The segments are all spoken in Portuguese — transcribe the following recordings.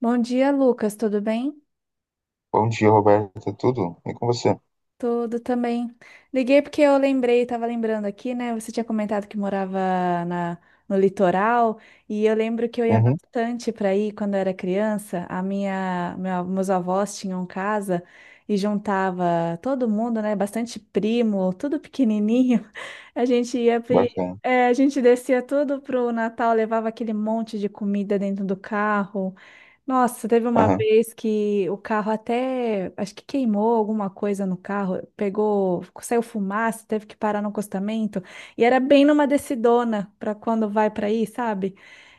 Bom dia, Lucas. Tudo bem? Bom dia, Roberta. Tudo? E com você? Tudo também. Liguei porque eu lembrei, estava lembrando aqui, né? Você tinha comentado que morava na, no litoral e eu lembro que eu ia Uhum, bastante para ir quando eu era criança. Meus avós tinham casa e juntava todo mundo, né? Bastante primo, tudo pequenininho. A gente ia, pri- bacana. é, A gente descia tudo pro Natal, levava aquele monte de comida dentro do carro. Nossa, teve uma Aham. vez que o carro até, acho que queimou alguma coisa no carro, pegou, saiu fumaça, teve que parar no acostamento, e era bem numa descidona para quando vai para aí, sabe?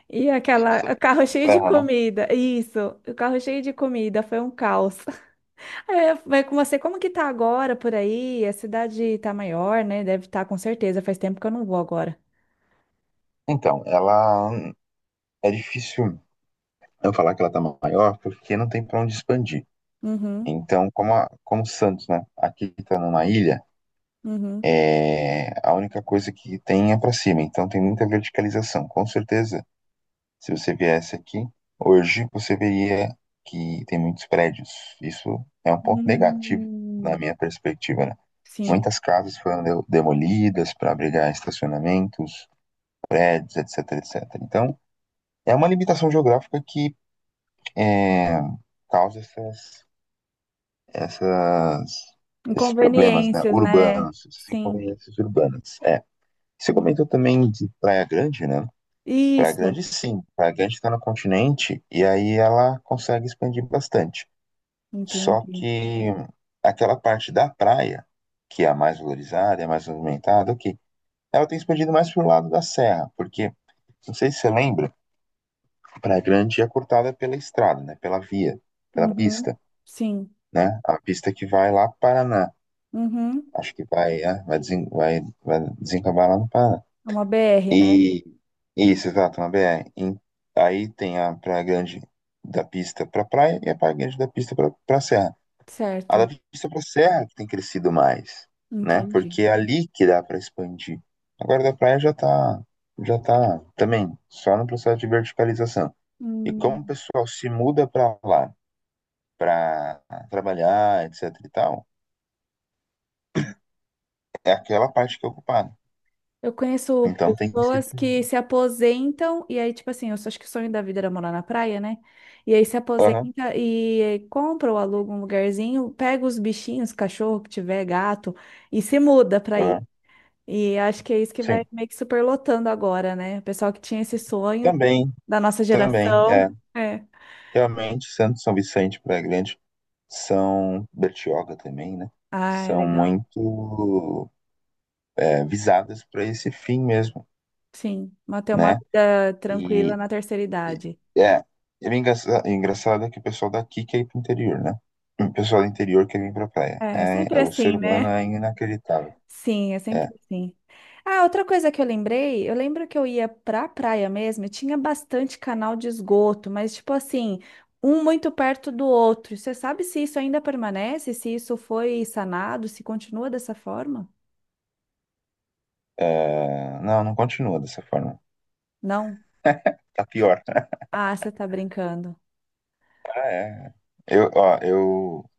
Sim, O sei. carro A cheio de serra, né? comida, isso, o carro cheio de comida, foi um caos. É, vai com você, como que tá agora por aí? A cidade tá maior, né? Deve estar com certeza, faz tempo que eu não vou agora. Então, ela é difícil eu falar que ela tá maior porque não tem pra onde expandir. Uhum, Então, como, como Santos, né? Aqui tá numa ilha, uhum. A única coisa que tem é pra cima. Então, tem muita verticalização. Com certeza, se você viesse aqui hoje, você veria que tem muitos prédios. Isso é um ponto negativo na Hum, minha perspectiva, né? sim. Muitas casas foram demolidas para abrigar estacionamentos, prédios, etc, etc. Então, é uma limitação geográfica que é, causa essas, esses problemas, né, Inconveniências, né? urbanos, essas Sim. inconveniências urbanas. É. Você Uhum. comentou também de Praia Grande, né? Praia Isso, Grande, sim. Praia Grande está no continente e aí ela consegue expandir bastante. Só entendi. que aquela parte da praia, que é a mais valorizada, é a mais movimentada, ok. Ela tem expandido mais para o lado da serra, porque, não sei se você lembra, Praia Grande é cortada pela estrada, né? Pela via, pela Uhum. pista, Sim. né? A pista que vai lá para Paraná. Uhum. Acho que vai, é, vai, desen, vai, vai desencavar lá no Paraná. É uma BR, né? E isso, exato, na BR. Aí tem a Praia Grande da pista para praia e a Praia Grande da pista para serra. A da Certo, pista para serra que tem crescido mais, né? entendi. Porque é ali que dá para expandir. Agora da praia já tá, também só no processo de verticalização. E como o Hum. pessoal se muda para lá para trabalhar, etc e tal, é aquela parte que é ocupada. Eu conheço Então tem sido pessoas ser que dividido. se aposentam e aí, tipo assim, acho que o sonho da vida era morar na praia, né? E aí se Aham, aposenta e compra ou aluga um lugarzinho, pega os bichinhos, cachorro que tiver, gato, e se muda pra aí. aham, E acho que é isso que vai sim. meio que superlotando agora, né? O pessoal que tinha esse sonho Também, da nossa também, geração. é. É. Realmente, Santos, São Vicente, Praia Grande, são Bertioga também, né? Ah, São legal. muito visadas para esse fim mesmo, Sim, manter uma né? vida tranquila E na terceira e- idade. é, é bem engraçado é que o pessoal daqui quer ir pro interior, né? O pessoal do interior quer vir pra praia. É, é É, sempre é, o ser assim, né? humano é inacreditável. Sim, é É, sempre assim. Ah, outra coisa que eu lembrei, eu lembro que eu ia pra praia mesmo e tinha bastante canal de esgoto, mas tipo assim, um muito perto do outro. Você sabe se isso ainda permanece, se isso foi sanado, se continua dessa forma? é, não, não continua dessa forma. Não? Tá pior. Ah, você tá brincando. Ah, é. Eu, ó, eu,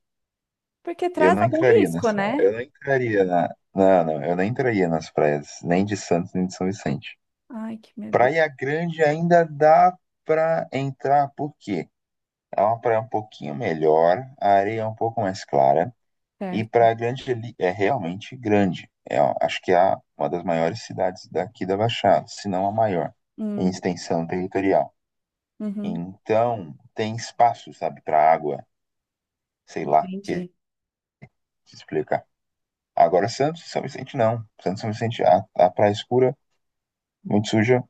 Porque eu traz não algum entraria risco, nessa. né? Eu não entraria na. Não, não, eu não entraria nas praias, nem de Santos, nem de São Vicente. Ai, que meu Deus. Praia Grande ainda dá pra entrar, por quê? É uma praia um pouquinho melhor, a areia é um pouco mais clara. E Certo. Praia Grande ali é realmente grande. É, ó, acho que uma das maiores cidades daqui da Baixada, se não a maior, em Hum, extensão territorial. uhum, Então, tem espaço, sabe, para água, sei lá, que entendi. te explicar. Agora, Santos e São Vicente não. Santos e São Vicente, a praia escura, muito suja.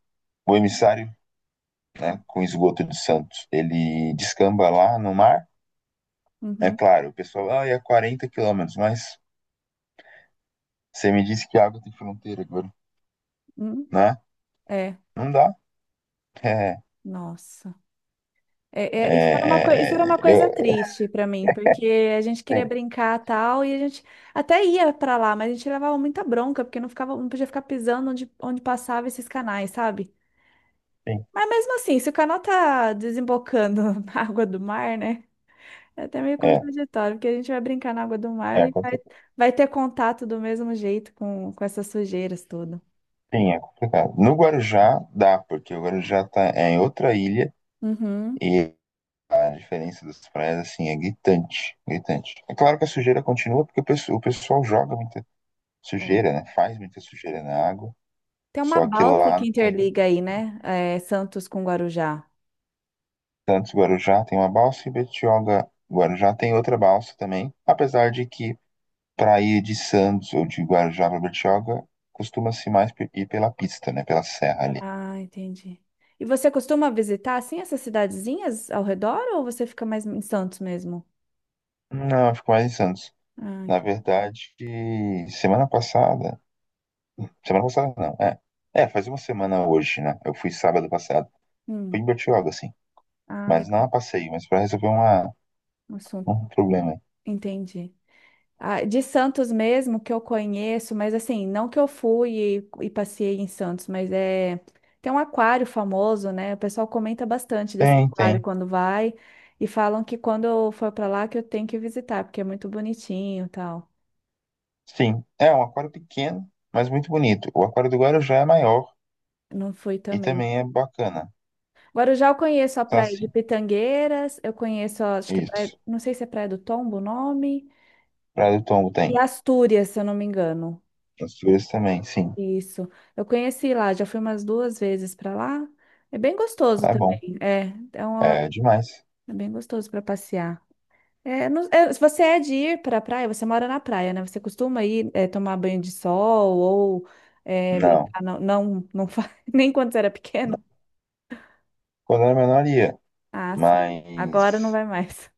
O emissário, né, com esgoto de Santos, ele descamba lá no mar. É Uhum, claro, o pessoal, ah, é 40 quilômetros, mas você me disse que a água tem fronteira, agora, uhum. né? É, Não dá. É, nossa. É, Isso era uma coisa, é, isso é, era uma coisa eu- triste pra mim, porque a gente queria sim, brincar tal, e a gente até ia pra lá, mas a gente levava muita bronca, porque não ficava, não podia ficar pisando onde, onde passava esses canais, sabe? sim, Mas mesmo assim, se o canal tá desembocando na água do mar, né? É até meio é, contraditório, porque a gente vai brincar na água do mar é, contra- vai ter contato do mesmo jeito com essas sujeiras tudo. sim, é complicado. No Guarujá dá, porque o Guarujá tá, é em outra ilha Uhum, e a diferença das praias, assim, é gritante, gritante. É claro que a sujeira continua porque o pessoal joga muita é. sujeira, né? Faz muita sujeira na água, Tem uma só que balsa lá que não tem interliga aí, né? É, Santos com Guarujá. tantos Guarujá, tem uma balsa e Betioga, Guarujá tem outra balsa também, apesar de que para ir de Santos ou de Guarujá para Betioga costuma-se mais ir pela pista, né? Pela serra ali. Ah, entendi. E você costuma visitar, assim, essas cidadezinhas ao redor ou você fica mais em Santos mesmo? Não, ficou mais de Santos. Ah, Na entendi. verdade, semana passada. Semana passada não, é. É, faz uma semana hoje, né? Eu fui sábado passado. Fui em Hum, Bertioga, sim. ah, Mas não a legal. passeio, mas pra resolver uma, Um assunto. um problema aí. Entendi. Ah, de Santos mesmo que eu conheço, mas assim, não que eu fui e passei em Santos, mas é tem um aquário famoso, né? O pessoal comenta bastante desse Tem, tem. aquário quando vai e falam que quando eu for para lá que eu tenho que visitar, porque é muito bonitinho, e tal. Sim. É um aquário pequeno, mas muito bonito. O aquário do Guarujá é maior Não fui e também. também é bacana. Agora eu já conheço a Tá praia de sim. Pitangueiras, eu conheço, acho que é praia, Isso. não sei se é Praia do Tombo o nome, Praia do Tombo e tem. Astúrias, se eu não me engano. As figuras também, sim. Isso. Eu conheci lá, já fui umas duas vezes para lá. É bem gostoso Lá é bom. também. É, uma- É demais. É bem gostoso para passear. Se você é de ir para a praia, você mora na praia, né? Você costuma tomar banho de sol ou Não. brincar? Não, não, não faz, nem quando você era pequeno. Quando era menor ia. Ah, sim. Agora não Mas. vai mais.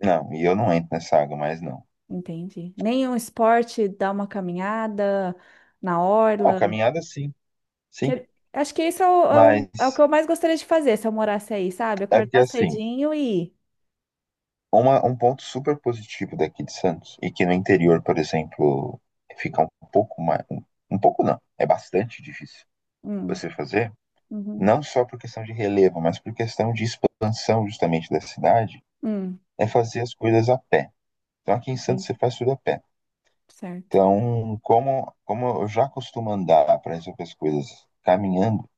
Não, e eu não entro nessa água mais, não. Entendi. Nenhum esporte, dar uma caminhada na Não, orla. caminhada sim, sim. Que- Acho que isso é Mas é o que eu mais gostaria de fazer se eu morasse aí, sabe? é porque Acordar assim, cedinho e ir. Um ponto super positivo daqui de Santos, e que no interior, por exemplo, fica um pouco mais. Um pouco não, é bastante difícil Hum, você fazer, uhum, não só por questão de relevo, mas por questão de expansão justamente da cidade, hum, é fazer as coisas a pé. Então aqui em Santos entendi. você faz tudo a pé. Certo. Então, como eu já costumo andar para resolver as coisas caminhando,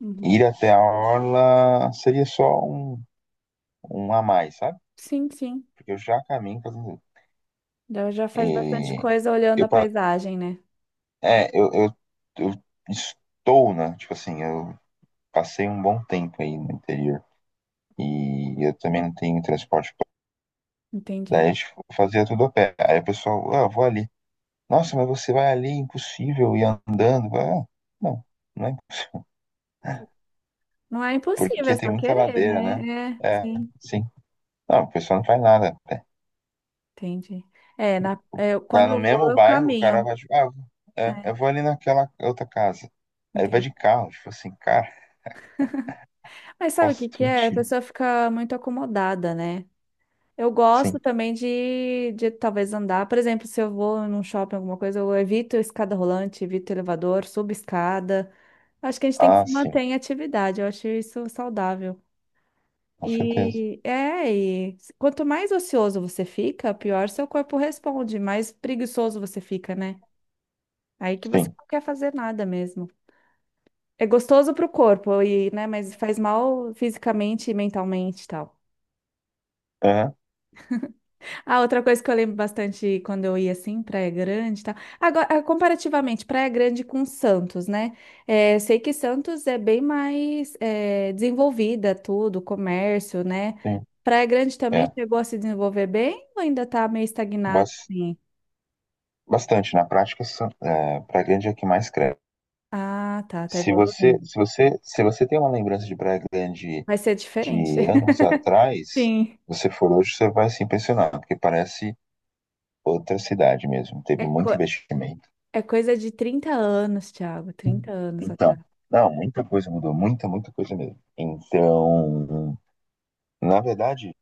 Uhum. ir até a orla seria só um a mais, sabe? Sim, sim. Porque eu já caminho fazendo isso. Já já E faz bastante coisa olhando eu, a pa- paisagem, né? é, eu estou, né? Tipo assim, eu passei um bom tempo aí no interior. E eu também não tenho transporte público. Daí a Entendi. gente fazia tudo a pé. Aí o pessoal, ah, eu vou ali. Nossa, mas você vai ali, é impossível ir andando. Eu falei, ah, não, não é impossível. Não é impossível, é Porque tem só muita querer, ladeira, né? né? É, É, sim, sim. Não, o pessoal não faz nada. entendi. Tá Quando no eu vou, mesmo eu bairro, o cara vai, caminho. tipo, ah, É, eu vou ali naquela outra casa. Aí ele vai entendi. de carro, tipo assim, cara, Mas qual sabe o o que que é? A sentido? pessoa fica muito acomodada, né? Eu gosto Sim. também de talvez andar. Por exemplo, se eu vou num shopping, alguma coisa, eu evito escada rolante, evito elevador, subo escada. Acho que a gente tem que Ah, se sim, manter em atividade. Eu acho isso saudável. com certeza. E quanto mais ocioso você fica, pior seu corpo responde, mais preguiçoso você fica, né? Aí que você Sim. não quer fazer nada mesmo. É gostoso pro corpo, e, né, mas faz mal fisicamente e mentalmente e tal. Aham, Ah, outra coisa que eu lembro bastante quando eu ia assim, Praia Grande e tal. Agora, ah, comparativamente, Praia Grande com Santos, né? Eu sei que Santos é bem mais desenvolvida, tudo, comércio, né? sim. Praia Grande também É. chegou a se desenvolver bem ou ainda tá meio estagnado, Bas- assim? Bastante. Na prática, Praia Grande é a que mais cresce. Ah, tá, tá Se você, evoluindo. se você, se você tem uma lembrança de Praia Grande Vai ser diferente. de anos atrás, Sim. você for hoje, você vai se impressionar, porque parece outra cidade mesmo. Teve É, muito co- investimento. É coisa de 30 anos, Thiago. 30 anos Então, atrás. não, muita coisa mudou, muita, muita coisa mesmo. Então, na verdade,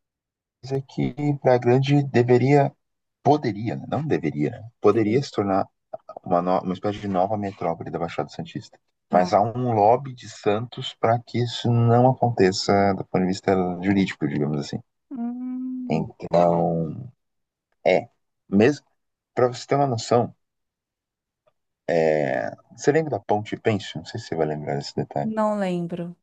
coisa que Praia Grande deveria, poderia, né? Não deveria, né? Poderia Sim. se tornar uma, no- uma espécie de nova metrópole da Baixada Santista. Mas Não. há um lobby de Santos para que isso não aconteça do ponto de vista jurídico, digamos assim. Hum, Então, é, mesmo, para você ter uma noção, é, você lembra da Ponte Pênsil? Não sei se você vai lembrar desse detalhe. não lembro.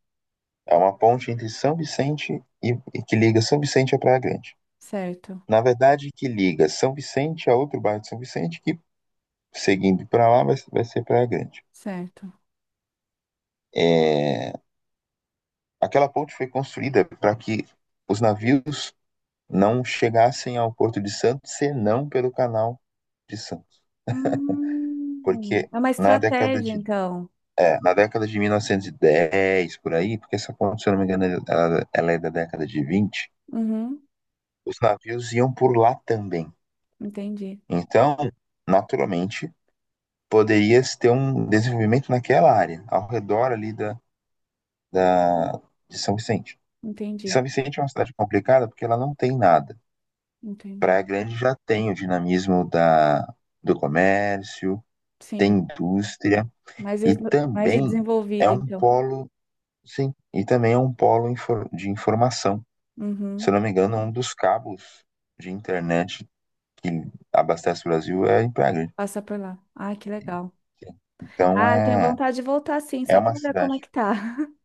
É uma ponte entre São Vicente e que liga São Vicente a Praia Grande. Certo. Na verdade, que liga São Vicente a outro bairro de São Vicente, que seguindo para lá vai ser Praia Grande. Certo. É, aquela ponte foi construída para que os navios não chegassem ao Porto de Santos senão pelo Canal de Santos, porque É uma na década estratégia, de então. na década de 1910 por aí, porque essa ponte, se eu não me engano, ela é da década de 20, Uhum, os navios iam por lá também. entendi, Então, naturalmente, poderia-se ter um desenvolvimento naquela área, ao redor ali da, de São Vicente. E entendi, São Vicente é uma cidade complicada porque ela não tem nada. entendi. Praia Grande já tem o dinamismo da, do comércio, tem Sim, indústria mais, e es- mais também é desenvolvida, um então. polo, sim, e também é um polo de informação. Se Uhum, eu não me engano, um dos cabos de internet que abastece o Brasil é em Praia Grande. passa por lá. Ah, que legal. Então Ah, tenho é vontade de voltar, sim, É só uma para ver como é cidade. que tá.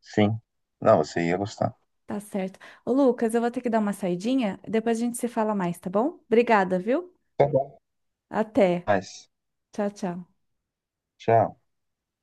Sim. Não, você ia gostar. Tá certo. Ô, Lucas, eu vou ter que dar uma saidinha, depois a gente se fala mais, tá bom? Obrigada, viu? Tá bom. Até. Mas, Tchau, tchau. tchau.